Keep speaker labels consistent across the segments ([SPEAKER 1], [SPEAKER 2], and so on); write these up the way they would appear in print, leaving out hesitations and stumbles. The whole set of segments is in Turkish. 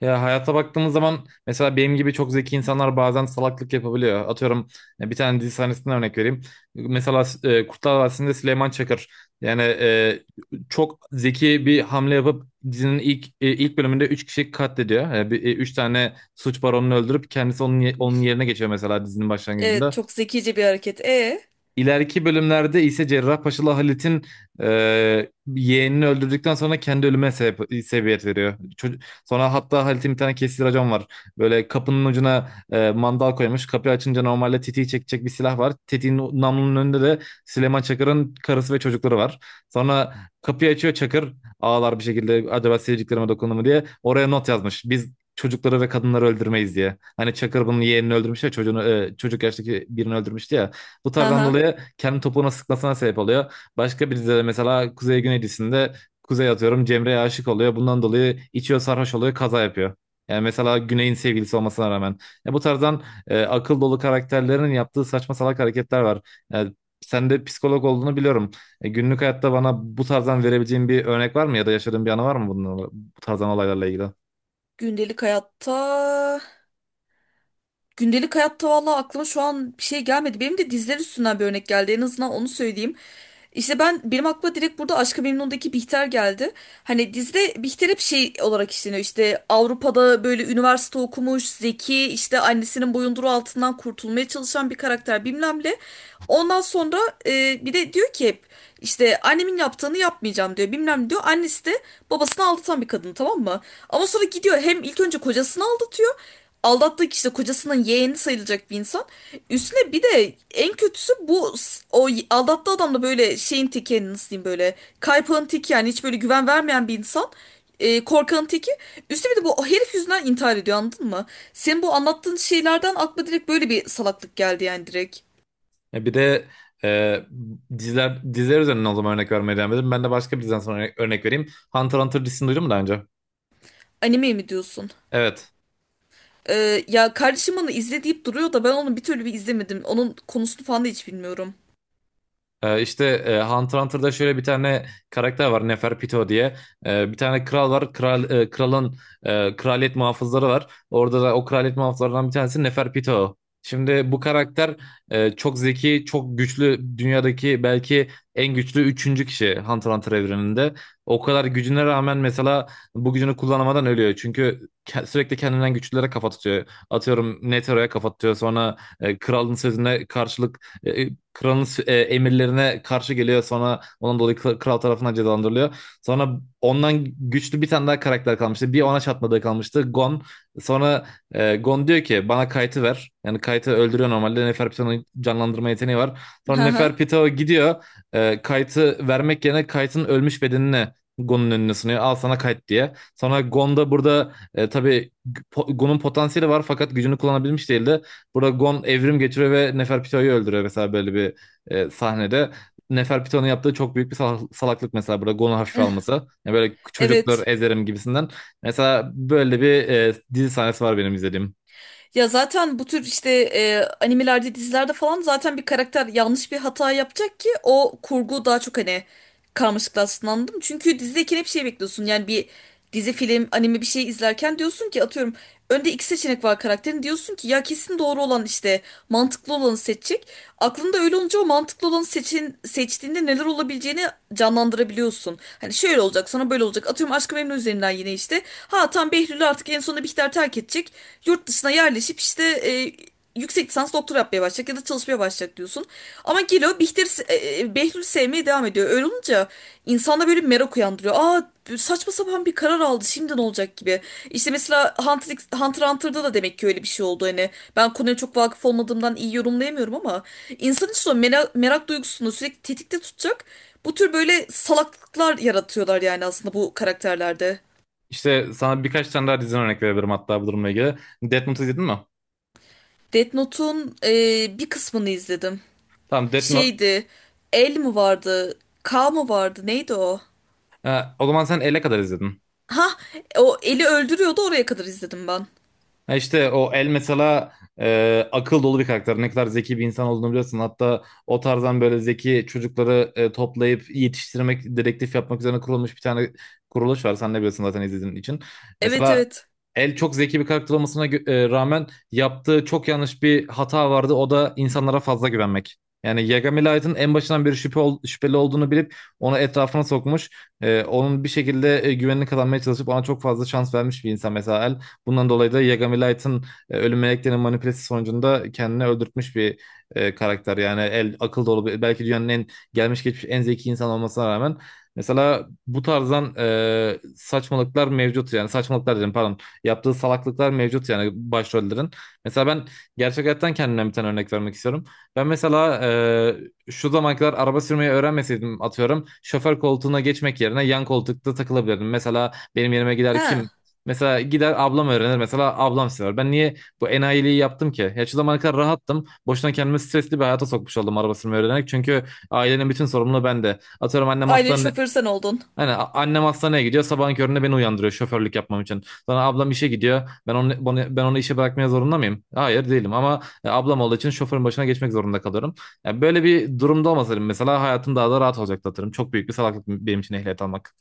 [SPEAKER 1] Ya hayata baktığımız zaman mesela benim gibi çok zeki insanlar bazen salaklık yapabiliyor. Atıyorum bir tane dizi sahnesinden örnek vereyim. Mesela Kurtlar Vadisi'nde Süleyman Çakır yani çok zeki bir hamle yapıp dizinin ilk bölümünde 3 kişiyi katlediyor. Yani üç tane suç baronunu öldürüp kendisi onun yerine geçiyor mesela dizinin
[SPEAKER 2] Evet,
[SPEAKER 1] başlangıcında.
[SPEAKER 2] çok zekice bir hareket.
[SPEAKER 1] İleriki bölümlerde ise Cerrahpaşalı Halit'in yeğenini öldürdükten sonra kendi sebebiyet veriyor. Sonra hatta Halit'in bir tane kesici racon var. Böyle kapının ucuna mandal koymuş. Kapıyı açınca normalde tetiği çekecek bir silah var. Tetiğin namlunun önünde de Süleyman Çakır'ın karısı ve çocukları var. Sonra kapıyı açıyor Çakır, ağlar bir şekilde, acaba sevdiklerime dokundu mu diye. Oraya not yazmış: biz çocukları ve kadınları öldürmeyiz diye. Hani Çakır bunun yeğenini öldürmüş ya, çocuk yaştaki birini öldürmüştü ya. Bu tarzdan
[SPEAKER 2] Aha.
[SPEAKER 1] dolayı kendi topuğuna sıkmasına sebep oluyor. Başka bir dizide mesela Kuzey Güneylisinde Kuzey, atıyorum, Cemre'ye aşık oluyor. Bundan dolayı içiyor, sarhoş oluyor, kaza yapıyor. Yani mesela Güney'in sevgilisi olmasına rağmen. Ya bu tarzdan akıl dolu karakterlerin yaptığı saçma salak hareketler var. Yani sen de psikolog olduğunu biliyorum. Günlük hayatta bana bu tarzdan verebileceğin bir örnek var mı, ya da yaşadığın bir anı var mı bu tarzdan olaylarla ilgili?
[SPEAKER 2] Gündelik hayatta. Gündelik hayatta vallahi aklıma şu an bir şey gelmedi. Benim de dizler üstünden bir örnek geldi. En azından onu söyleyeyim. İşte benim aklıma direkt burada Aşk-ı Memnun'daki Bihter geldi. Hani dizide Bihter hep şey olarak işleniyor. İşte Avrupa'da böyle üniversite okumuş, zeki, işte annesinin boyunduruğu altından kurtulmaya çalışan bir karakter bilmem ne. Ondan sonra bir de diyor ki hep işte annemin yaptığını yapmayacağım diyor, bilmem ne diyor. Annesi de babasını aldatan bir kadın, tamam mı? Ama sonra gidiyor hem ilk önce kocasını aldatıyor. Aldattığı kişi de kocasının yeğeni sayılacak bir insan. Üstüne bir de en kötüsü bu s- o y- aldattığı adam da böyle şeyin teki, yani nasıl diyeyim, böyle kaypağın teki, yani hiç böyle güven vermeyen bir insan. Korkanın teki. Üstüne bir de bu herif yüzünden intihar ediyor, anladın mı? Senin bu anlattığın şeylerden aklıma direkt böyle bir salaklık geldi yani, direkt.
[SPEAKER 1] Ya bir de e, diziler üzerinden o zaman örnek vermeye devam edelim. Ben de başka bir diziden sonra örnek vereyim. Hunter x Hunter dizisini duydun mu daha önce?
[SPEAKER 2] Anime mi diyorsun?
[SPEAKER 1] Evet.
[SPEAKER 2] Ya kardeşim onu izle deyip duruyor da ben onu bir türlü bir izlemedim. Onun konusunu falan da hiç bilmiyorum.
[SPEAKER 1] İşte Hunter Hunter'da şöyle bir tane karakter var, Neferpito diye. Bir tane kral var. Kralın kraliyet muhafızları var. Orada da o kraliyet muhafızlarından bir tanesi Neferpito. Şimdi bu karakter çok zeki, çok güçlü, dünyadaki belki en güçlü üçüncü kişi Hunter Hunter evreninde. O kadar gücüne rağmen mesela bu gücünü kullanamadan ölüyor. Çünkü sürekli kendinden güçlülere kafa tutuyor. Atıyorum Netero'ya kafa tutuyor. Sonra kralın sözüne karşılık kralın emirlerine karşı geliyor. Sonra onun dolayı kral tarafından cezalandırılıyor. Sonra ondan güçlü bir tane daha karakter kalmıştı. Bir ona çatmadığı kalmıştı: Gon. Sonra Gon diyor ki bana Kayt'ı ver. Yani Kayt'ı öldürüyor normalde. Neferpito'nun canlandırma yeteneği var. Sonra
[SPEAKER 2] Hı hı.
[SPEAKER 1] Neferpito gidiyor. Kayt'ı vermek yerine Kayt'ın ölmüş bedenini Gon'un önüne sunuyor, al sana Kayt diye. Sonra Gon da burada tabii Gon'un potansiyeli var fakat gücünü kullanabilmiş değildi. Burada Gon evrim geçiriyor ve Neferpito'yu öldürüyor, mesela böyle bir sahnede. Neferpito'nun yaptığı çok büyük bir salaklık mesela burada, Gon'u hafife alması. Yani böyle çocuklar
[SPEAKER 2] Evet.
[SPEAKER 1] ezerim gibisinden. Mesela böyle bir dizi sahnesi var benim izlediğim.
[SPEAKER 2] Ya zaten bu tür işte animelerde, dizilerde falan zaten bir karakter yanlış bir hata yapacak ki o kurgu daha çok, hani, karmaşıklaşsın. Çünkü dizideyken hep şey bekliyorsun. Yani bir dizi, film, anime bir şey izlerken diyorsun ki atıyorum önde iki seçenek var karakterin. Diyorsun ki ya kesin doğru olan, işte mantıklı olanı seçecek. Aklında öyle olunca o mantıklı olanı seçin, seçtiğinde neler olabileceğini canlandırabiliyorsun. Hani şöyle olacak sana, böyle olacak. Atıyorum Aşk-ı Memnu üzerinden yine işte. Ha tam Behlül artık en sonunda Bihter terk edecek, yurt dışına yerleşip işte yüksek lisans doktor yapmaya başlayacak ya da çalışmaya başlayacak diyorsun. Ama Gilo Bihter, Behlül sevmeye devam ediyor. Öyle olunca insanda böyle bir merak uyandırıyor. Aa, saçma sapan bir karar aldı, şimdi ne olacak gibi. İşte mesela Hunter x Hunter'da da demek ki öyle bir şey oldu. Hani ben konuya çok vakıf olmadığımdan iyi yorumlayamıyorum ama insanın işte o merak duygusunu sürekli tetikte tutacak bu tür böyle salaklıklar yaratıyorlar yani aslında bu karakterlerde.
[SPEAKER 1] İşte sana birkaç tane daha diziden örnek verebilirim hatta bu durumla ilgili. Death Note izledin mi?
[SPEAKER 2] Death Note'un bir kısmını izledim.
[SPEAKER 1] Tamam, Death Note.
[SPEAKER 2] Şeydi. El mi vardı? K mı vardı? Neydi o?
[SPEAKER 1] O zaman sen ele kadar izledin.
[SPEAKER 2] Ha, o eli öldürüyordu, oraya kadar izledim ben.
[SPEAKER 1] Ha, işte o El mesela akıl dolu bir karakter. Ne kadar zeki bir insan olduğunu biliyorsun. Hatta o tarzdan böyle zeki çocukları toplayıp yetiştirmek, dedektif yapmak üzerine kurulmuş bir tane kuruluş var. Sen de biliyorsun zaten izlediğin için.
[SPEAKER 2] Evet,
[SPEAKER 1] Mesela
[SPEAKER 2] evet.
[SPEAKER 1] El çok zeki bir karakter rağmen yaptığı çok yanlış bir hata vardı. O da insanlara fazla güvenmek. Yani Yagami Light'ın en başından beri şüpheli olduğunu bilip onu etrafına sokmuş. Onun bir şekilde güvenini kazanmaya çalışıp ona çok fazla şans vermiş bir insan mesela El. Bundan dolayı da Yagami Light'ın, ölüm meleklerinin manipülesi sonucunda kendini öldürtmüş bir karakter. Yani El akıl dolu bir, belki dünyanın en gelmiş geçmiş en zeki insan olmasına rağmen mesela bu tarzdan saçmalıklar mevcut, yani saçmalıklar dedim, pardon, yaptığı salaklıklar mevcut yani başrollerin. Mesela ben gerçek hayattan kendimden bir tane örnek vermek istiyorum. Ben mesela şu zamana kadar araba sürmeyi öğrenmeseydim, atıyorum, şoför koltuğuna geçmek yerine yan koltukta takılabilirdim. Mesela benim yerime gider
[SPEAKER 2] Ha,
[SPEAKER 1] kim? Mesela gider ablam öğrenir. Mesela ablam sever. Ben niye bu enayiliği yaptım ki? Ya şu zamana kadar rahattım. Boşuna kendimi stresli bir hayata sokmuş oldum araba sürmeyi öğrenerek. Çünkü ailenin bütün sorumluluğu bende. Atıyorum annem
[SPEAKER 2] ailenin
[SPEAKER 1] hastane
[SPEAKER 2] şoförü sen oldun.
[SPEAKER 1] annem hastaneye gidiyor. Sabahın köründe beni uyandırıyor şoförlük yapmam için. Sonra ablam işe gidiyor. Ben onu işe bırakmaya zorunda mıyım? Hayır, değilim, ama ablam olduğu için şoförün başına geçmek zorunda kalıyorum. Yani böyle bir durumda olmasaydım mesela hayatım daha da rahat olacaktı atarım. Çok büyük bir salaklık benim için ehliyet almak.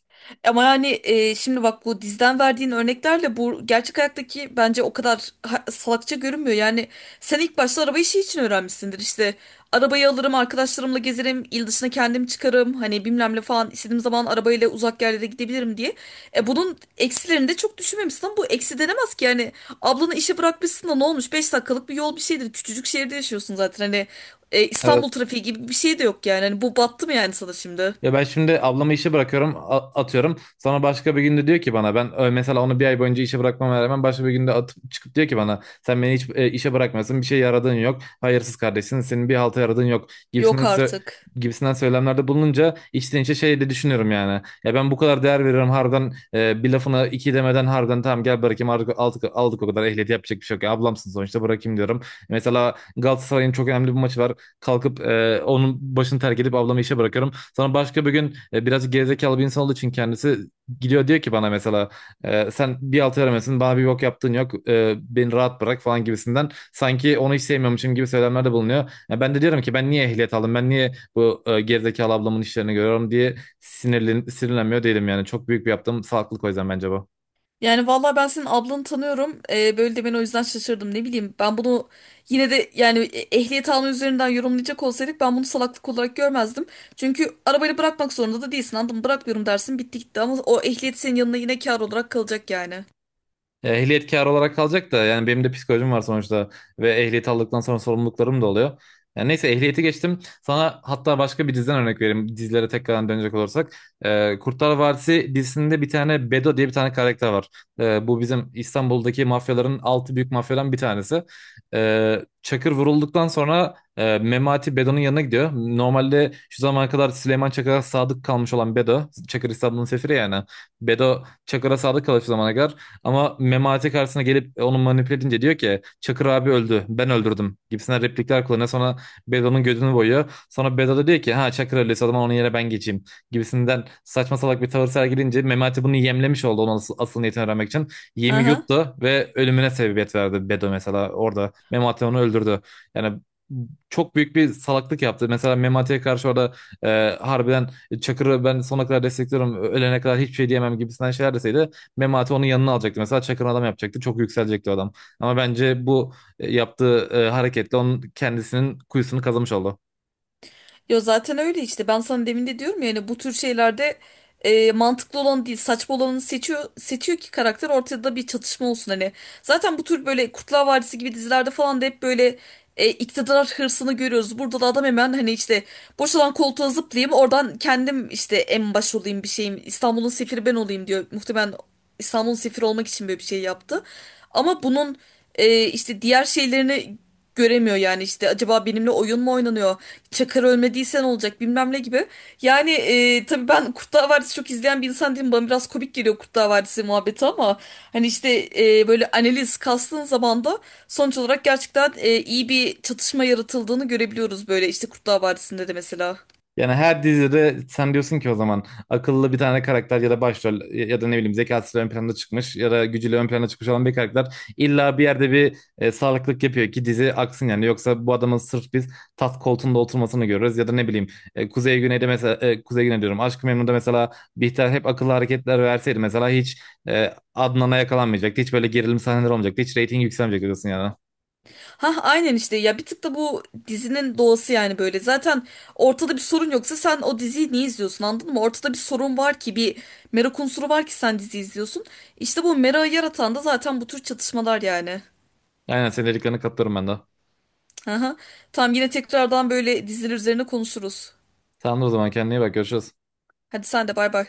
[SPEAKER 2] Ama yani şimdi bak, bu dizden verdiğin örneklerle bu gerçek hayattaki bence o kadar salakça görünmüyor. Yani sen ilk başta araba işi için öğrenmişsindir. İşte arabayı alırım, arkadaşlarımla gezerim, il dışına kendim çıkarım. Hani bilmem ne falan, istediğim zaman arabayla uzak yerlere gidebilirim diye. Bunun eksilerini de çok düşünmemişsin ama bu eksi denemez ki. Yani ablanı işe bırakmışsın da ne olmuş? Beş dakikalık bir yol bir şeydir. Küçücük şehirde yaşıyorsun zaten. Hani
[SPEAKER 1] Evet.
[SPEAKER 2] İstanbul trafiği gibi bir şey de yok yani. Hani bu battı mı yani sana şimdi?
[SPEAKER 1] Ya ben şimdi ablamı işe bırakıyorum, a- atıyorum. Sonra başka bir günde diyor ki bana, ben mesela onu bir ay boyunca işe bırakmama rağmen başka bir günde atıp çıkıp diyor ki bana, sen beni hiç işe bırakmıyorsun, bir şey yaradığın yok, hayırsız kardeşsin senin, bir halta yaradığın yok
[SPEAKER 2] Yok artık.
[SPEAKER 1] gibisinden söylemlerde bulununca içten içe şey de düşünüyorum yani. Ya ben bu kadar değer veriyorum harbiden, bir lafına iki demeden harbiden tamam gel bırakayım, artık aldık, aldık o kadar, ehliyet yapacak bir şey yok. Ya ablamsın sonuçta bırakayım diyorum. Mesela Galatasaray'ın çok önemli bir maçı var, kalkıp onun başını terk edip ablamı işe bırakıyorum. Sonra başka bir gün biraz gerizekalı bir insan olduğu için kendisi gidiyor, diyor ki bana mesela sen bir altı veremezsin bana, bir bok yaptığın yok, beni rahat bırak falan gibisinden, sanki onu hiç sevmiyormuşum gibi söylemlerde bulunuyor. Ya ben de diyorum ki ben niye ehliyet aldım, ben niye bu gerizekalı ablamın işlerini görüyorum diye sinirlenmiyor değilim yani, çok büyük bir yaptığım salaklık o yüzden bence bu.
[SPEAKER 2] Yani vallahi ben senin ablanı tanıyorum. Böyle demen o yüzden şaşırdım. Ne bileyim, ben bunu yine de yani ehliyet alma üzerinden yorumlayacak olsaydık ben bunu salaklık olarak görmezdim. Çünkü arabayı bırakmak zorunda da değilsin, anladın mı? Bırakmıyorum dersin, bitti gitti, ama o ehliyet senin yanına yine kar olarak kalacak yani.
[SPEAKER 1] Ya, ehliyetkar olarak kalacak da yani benim de psikolojim var sonuçta ve ehliyeti aldıktan sonra sorumluluklarım da oluyor. Yani neyse, ehliyeti geçtim. Sana hatta başka bir diziden örnek vereyim. Dizilere tekrardan dönecek olursak. Kurtlar Vadisi dizisinde bir tane Bedo diye bir tane karakter var. Bu bizim İstanbul'daki mafyaların altı büyük mafyadan bir tanesi. Çakır vurulduktan sonra Memati Bedo'nun yanına gidiyor. Normalde şu zamana kadar Süleyman Çakır'a sadık kalmış olan Bedo. Çakır İstanbul'un sefiri yani. Bedo Çakır'a sadık kalıyor şu zamana kadar. Ama Memati karşısına gelip onu manipüle edince diyor ki Çakır abi öldü, ben öldürdüm gibisinden replikler kullanıyor. Sonra Bedo'nun gözünü boyuyor. Sonra Bedo da diyor ki, ha Çakır öldüyse o zaman onun yerine ben geçeyim gibisinden saçma salak bir tavır sergilince Memati bunu yemlemiş oldu onun asıl niyetini öğrenmek için. Yemi
[SPEAKER 2] Aha.
[SPEAKER 1] yuttu ve ölümüne sebebiyet verdi Bedo mesela orada. Memati onu öldürdü. Yani çok büyük bir salaklık yaptı. Mesela Memati'ye karşı orada harbiden Çakır'ı ben sonuna kadar destekliyorum, ölene kadar hiçbir şey diyemem gibisinden şeyler deseydi, Memati onun yanına alacaktı. Mesela Çakır'ın adam yapacaktı. Çok yükselecekti o adam. Ama bence bu yaptığı hareketle onun kendisinin kuyusunu kazımış oldu.
[SPEAKER 2] Ya zaten öyle işte, ben sana demin de diyorum ya, yani bu tür şeylerde mantıklı olan değil saçma olanı seçiyor ki karakter, ortada bir çatışma olsun hani. Zaten bu tür böyle Kurtlar Vadisi gibi dizilerde falan da hep böyle iktidar hırsını görüyoruz. Burada da adam hemen hani işte boşalan koltuğa zıplayayım, oradan kendim işte en baş olayım, bir şeyim, İstanbul'un sefiri ben olayım diyor. Muhtemelen İstanbul'un sefiri olmak için böyle bir şey yaptı. Ama bunun işte diğer şeylerini göremiyor yani, işte acaba benimle oyun mu oynanıyor? Çakar ölmediysen olacak bilmem ne gibi. Yani tabii ben Kurtlar Vadisi çok izleyen bir insan değilim. Bana biraz komik geliyor Kurtlar Vadisi muhabbeti ama hani işte böyle analiz kastığın zaman da sonuç olarak gerçekten iyi bir çatışma yaratıldığını görebiliyoruz böyle işte Kurtlar Vadisi'nde de mesela.
[SPEAKER 1] Yani her dizide sen diyorsun ki o zaman, akıllı bir tane karakter ya da başrol ya ya da ne bileyim zekasıyla ön plana çıkmış ya da gücüyle ön plana çıkmış olan bir karakter illa bir yerde bir sağlıklık yapıyor ki dizi aksın yani. Yoksa bu adamın sırf biz tat koltuğunda oturmasını görürüz ya da ne bileyim Kuzey Güney'de mesela, Kuzey Güney diyorum, Aşk-ı Memnu'da mesela Bihter hep akıllı hareketler verseydi mesela hiç Adnan'a yakalanmayacaktı. Hiç böyle gerilim sahneleri olmayacaktı. Hiç reyting yükselmeyecekti diyorsun yani.
[SPEAKER 2] Ha aynen işte, ya bir tık da bu dizinin doğası yani böyle. Zaten ortada bir sorun yoksa sen o diziyi niye izliyorsun, anladın mı? Ortada bir sorun var ki, bir merak unsuru var ki sen dizi izliyorsun. İşte bu merakı yaratan da zaten bu tür çatışmalar yani.
[SPEAKER 1] Aynen, senin dediklerine katılıyorum ben de.
[SPEAKER 2] Aha. Tamam, yine tekrardan böyle diziler üzerine konuşuruz.
[SPEAKER 1] Tamamdır o zaman, kendine iyi bak, görüşürüz.
[SPEAKER 2] Hadi sen de bay bay.